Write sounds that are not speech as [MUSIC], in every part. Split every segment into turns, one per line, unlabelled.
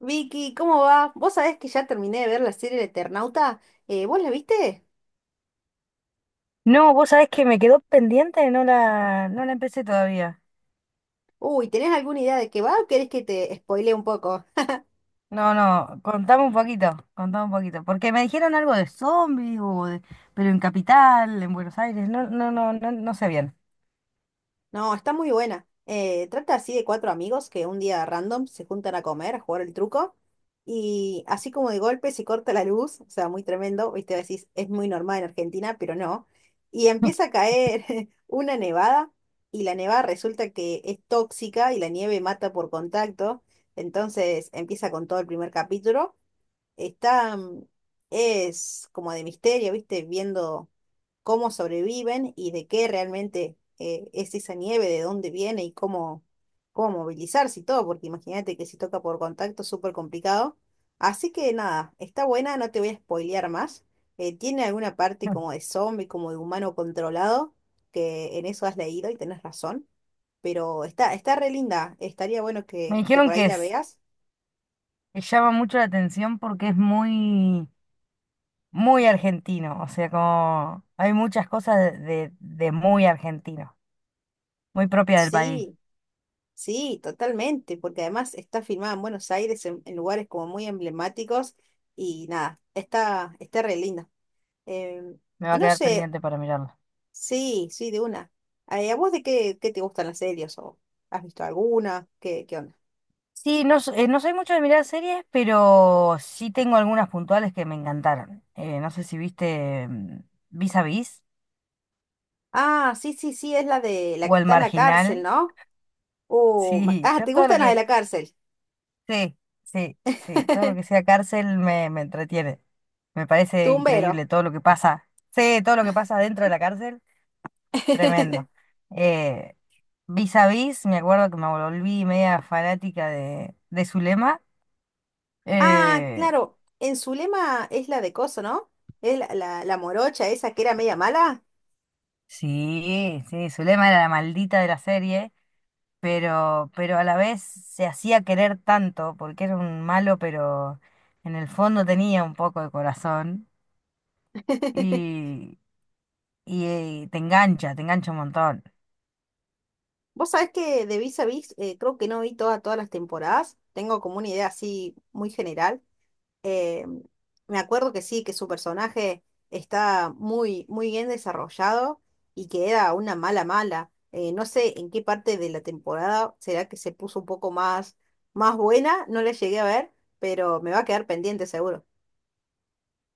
Vicky, ¿cómo va? Vos sabés que ya terminé de ver la serie El Eternauta. ¿Vos la viste?
No, vos sabés que me quedó pendiente, no la empecé todavía.
Uy, ¿tenés alguna idea de qué va o querés que te spoile un poco?
No, no, contame un poquito, contame un poquito. Porque me dijeron algo de zombies, pero en Capital, en Buenos Aires, no sé bien.
No, está muy buena. Trata así de cuatro amigos que un día random se juntan a comer, a jugar el truco, y así como de golpe se corta la luz, o sea, muy tremendo, viste, decís, es muy normal en Argentina, pero no. Y empieza a caer [LAUGHS] una nevada, y la nevada resulta que es tóxica y la nieve mata por contacto, entonces empieza con todo el primer capítulo. Está, es como de misterio, ¿viste? Viendo cómo sobreviven y de qué realmente es esa nieve, de dónde viene y cómo, cómo movilizarse y todo, porque imagínate que si toca por contacto es súper complicado. Así que nada, está buena, no te voy a spoilear más. Tiene alguna parte como de
[LAUGHS]
zombie, como de humano controlado, que en eso has leído y tenés razón. Pero está, está re linda, estaría bueno
Me
que por
dijeron
ahí la veas.
que llama mucho la atención porque es muy argentino. O sea, como hay muchas cosas de muy argentino, muy propia del país.
Sí. Sí, totalmente, porque además está filmada en Buenos Aires, en lugares como muy emblemáticos, y nada, está, está re linda. Em,
Me va
y
a
no
quedar
sé,
pendiente para mirarlo.
sí, sí, de una. ¿A vos de qué, qué te gustan las series? ¿O has visto alguna? ¿Qué, qué onda?
Sí, no, no soy mucho de mirar series, pero sí tengo algunas puntuales que me encantaron. No sé si viste Vis a Vis
Ah, sí, sí, sí, es la de la
o
que
El
está en la cárcel,
Marginal. [LAUGHS]
¿no? Oh, ma-
Sí,
ah,
yo
¿te
todo lo
gustan las de
que...
la cárcel?
Sí, sí, sí, todo lo que
[LAUGHS]
sea cárcel me entretiene. Me parece
Tumbero.
increíble todo lo que pasa. Sí, todo lo que pasa dentro de la cárcel, tremendo.
[LAUGHS]
Eh, Vis a Vis, me acuerdo que me volví media fanática de Zulema.
Ah,
Eh,
claro, en Zulema es la de coso, ¿no? Es la morocha esa que era media mala.
Sí, sí, Zulema era la maldita de la serie, pero a la vez se hacía querer tanto, porque era un malo, pero en el fondo tenía un poco de corazón
[LAUGHS]
y, y te engancha un montón.
Vos sabés que de Vis a Vis creo que no vi toda- todas las temporadas, tengo como una idea así muy general. Eh, Me acuerdo que sí, que su personaje está muy, muy bien desarrollado y que era una mala mala. No sé en qué parte de la temporada será que se puso un poco más, más buena, no la llegué a ver, pero me va a quedar pendiente seguro.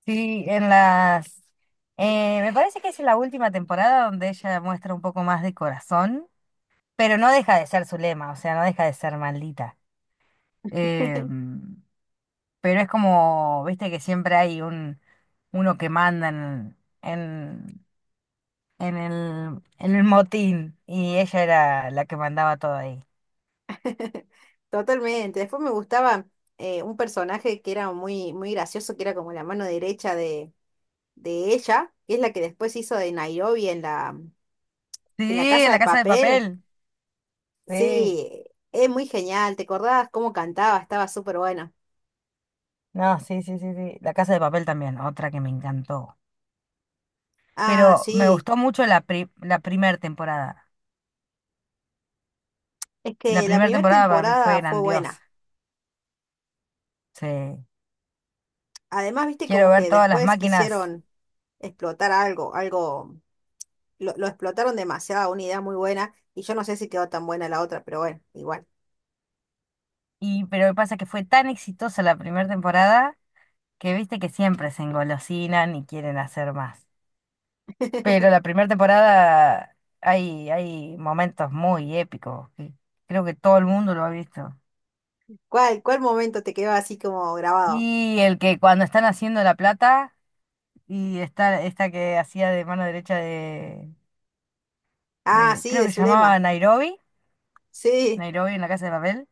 Sí, en las... me parece que es en la última temporada donde ella muestra un poco más de corazón, pero no deja de ser Zulema, o sea, no deja de ser maldita. Em, pero es como, viste que siempre hay uno que manda en, en el motín y ella era la que mandaba todo ahí.
[LAUGHS] Totalmente. Después me gustaba un personaje que era muy, muy gracioso, que era como la mano derecha de ella, que es la que después hizo de Nairobi en la
Sí,
Casa
La
de
Casa de
Papel.
Papel. Sí,
Sí, es muy genial, ¿te acordás cómo cantaba? Estaba súper buena.
no, sí, sí, sí, sí. La Casa de Papel también, otra que me encantó.
Ah,
Pero me
sí,
gustó mucho la primera temporada.
es
La
que la
primera
primera
temporada para mí fue
temporada fue
grandiosa.
buena.
Sí,
Además, viste
quiero
como
ver
que
todas las
después
máquinas.
quisieron explotar algo, algo, lo explotaron demasiado, una idea muy buena, y yo no sé si quedó tan buena la otra, pero bueno, igual.
Y, pero lo que pasa es que fue tan exitosa la primera temporada que viste que siempre se engolosinan y quieren hacer más. Pero
[LAUGHS]
la primera temporada hay, hay momentos muy épicos, que creo que todo el mundo lo ha visto.
¿Cuál, cuál momento te quedó así como grabado?
Y el que cuando están haciendo la plata, y está esta que hacía de mano derecha de,
Ah,
de-
sí,
creo
de
que se llamaba
Zulema.
Nairobi,
Sí.
Nairobi en la casa de papel,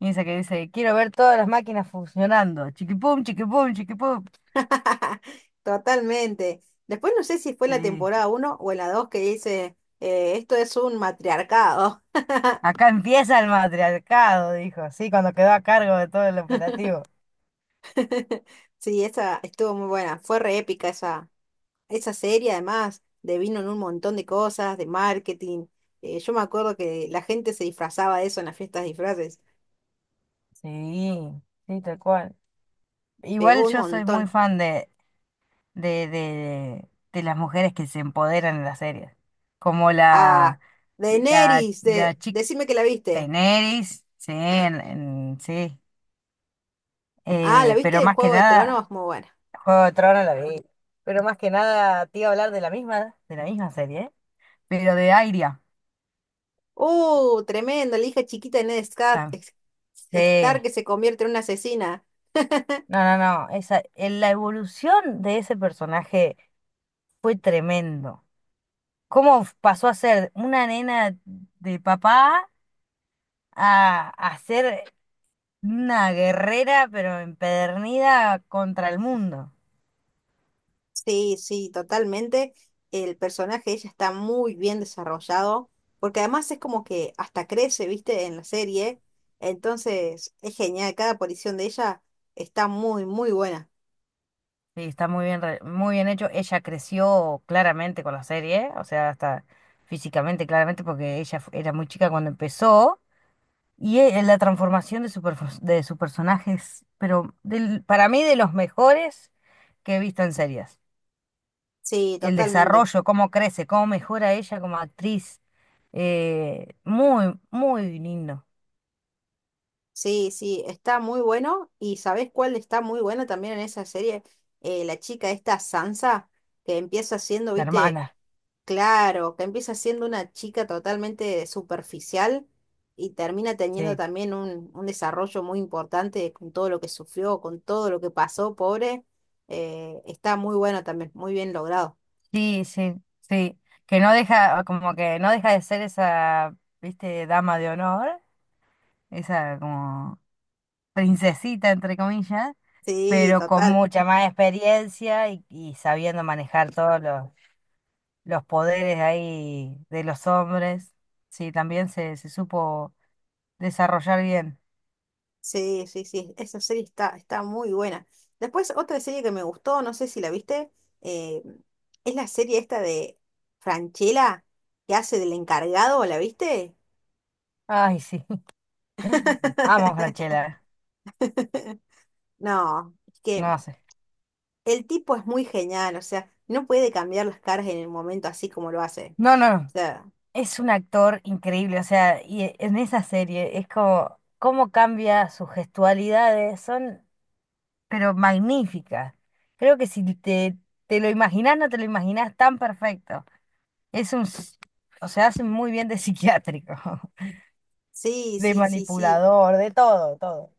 y esa que dice, quiero ver todas las máquinas funcionando, chiquipum, chiquipum, chiquipum.
[LAUGHS] Totalmente. Después no sé si fue la
Sí.
temporada uno o en la 2 que dice, esto es un matriarcado. [LAUGHS]
Acá empieza el matriarcado, dijo, sí, cuando quedó a cargo de todo el operativo.
Sí, esa estuvo muy buena. Fue re épica esa, esa serie, además, devino en un montón de cosas, de marketing. Yo me acuerdo que la gente se disfrazaba de eso en las fiestas de disfraces.
Sí, sí, tal cual.
Pegó
Igual
un
yo soy muy
montón.
fan de las mujeres que se empoderan en las series. Como
Ah, Daenerys,
la
de,
chica
decime que la viste.
Daenerys, sí, sí.
Ah, ¿la viste
Pero
en
más que
Juego de
nada,
Tronos? Muy buena.
Juego de Tronos la vi. Pero más que nada te iba a hablar de la misma serie, ¿eh? Pero de Airia.
¡Uh, tremendo! La hija chiquita de Ned Scar-
tam-
es-
Sí.
Stark que se convierte en una asesina.
No, no, no. Esa, en la evolución de ese personaje fue tremendo. Cómo pasó a ser una nena de papá a ser una guerrera, pero empedernida contra el mundo.
Sí, sí, totalmente. El personaje de ella está muy bien desarrollado, porque además es como que hasta crece, ¿viste? En la serie. Entonces, es genial. Cada aparición de ella está muy, muy buena.
Sí, está muy bien, muy bien hecho. Ella creció claramente con la serie, o sea, hasta físicamente, claramente, porque era muy chica cuando empezó. Y la transformación de su personaje es, pero para mí, de los mejores que he visto en series.
Sí,
El
totalmente.
desarrollo, cómo crece, cómo mejora ella como actriz. Muy, muy lindo,
Sí, sí, está muy bueno. ¿Y sabés cuál está muy buena también en esa serie? La chica esta Sansa, que empieza siendo,
la
¿viste?
hermana.
Claro, que empieza siendo una chica totalmente superficial y termina teniendo
Sí,
también un desarrollo muy importante con todo lo que sufrió, con todo lo que pasó, pobre. Eh, está muy bueno también, muy bien logrado.
sí, sí, sí. Que no deja, como que no deja de ser esa, viste, dama de honor, esa como princesita, entre comillas,
Sí,
pero con
total.
mucha más experiencia y sabiendo manejar todos los poderes ahí de los hombres. Sí, también se supo desarrollar bien.
Sí, sí, sí. Esa serie está, está muy buena. Después, otra serie que me gustó, no sé si la viste, eh, es la serie esta de Franchella, que hace del encargado, ¿la viste?
Ay, sí. Amo a
[LAUGHS]
Franchella,
No, es que
no sé.
el tipo es muy genial, o sea, no puede cambiar las caras en el momento así como lo hace.
No, no,
O
no.
sea,
Es un actor increíble, o sea, en esa serie es como cómo cambia sus gestualidades, son pero magníficas. Creo que si te, te lo imaginás, no te lo imaginás tan perfecto. Es un, s- o sea, hace muy bien de psiquiátrico, [LAUGHS]
sí,
de
sí, sí, sí.
manipulador, de todo, todo.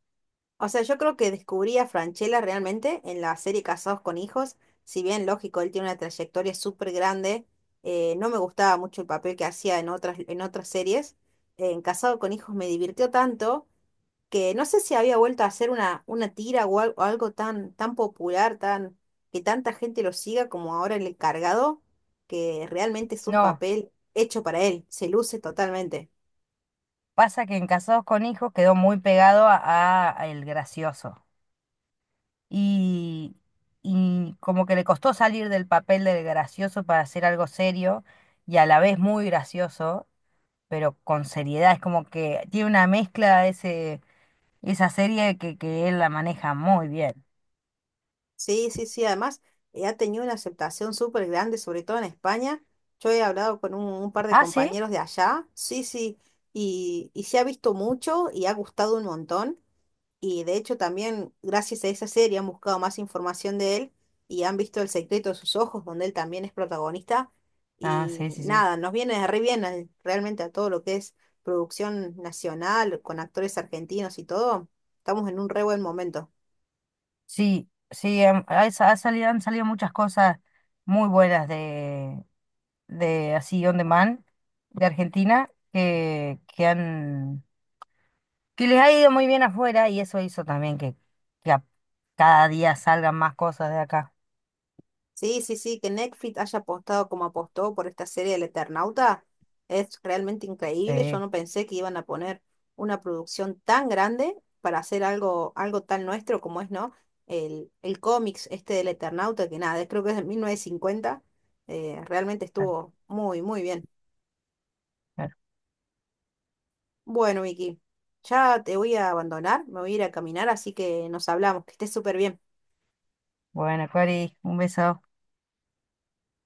O sea, yo creo que descubrí a Francella realmente en la serie Casados con Hijos. Si bien, lógico, él tiene una trayectoria súper grande, no me gustaba mucho el papel que hacía en otras series. En Casado con Hijos me divirtió tanto que no sé si había vuelto a hacer una tira o al- o algo, tan, tan popular, tan, que tanta gente lo siga como ahora el encargado, que realmente es un
No,
papel hecho para él, se luce totalmente.
pasa que en Casados con Hijos quedó muy pegado a el gracioso. Y, y como que le costó salir del papel del gracioso para hacer algo serio y a la vez muy gracioso, pero con seriedad. Es como que tiene una mezcla esa serie que él la maneja muy bien.
Sí, sí, sí, además ha tenido una aceptación súper grande, sobre todo en España. Yo he hablado con un par de
Ah, sí.
compañeros de allá, sí, sí, y se ha visto mucho y ha gustado un montón. Y de hecho también gracias a esa serie han buscado más información de él y han visto El secreto de sus ojos, donde él también es protagonista.
Ah,
Y
sí, sí, sí.
nada, nos viene re bien al- realmente a todo lo que es producción nacional, con actores argentinos y todo. Estamos en un re buen momento.
Sí, sí, ha salido, han salido muchas cosas muy buenas de así on demand de Argentina que han que les ha ido muy bien afuera y eso hizo también que cada día salgan más cosas de acá.
Sí, sí, sí, que Netflix haya apostado como apostó por esta serie del Eternauta es realmente increíble. Yo
Sí,
no pensé que iban a poner una producción tan grande para hacer algo, algo tan nuestro como es, ¿no? El cómics este del Eternauta, que nada, creo que es de 1950. Eh, realmente
claro,
estuvo muy, muy bien.
claro.
Bueno, Vicky, ya te voy a abandonar, me voy a ir a caminar, así que nos hablamos, que estés súper bien.
Bueno, Cori, un beso.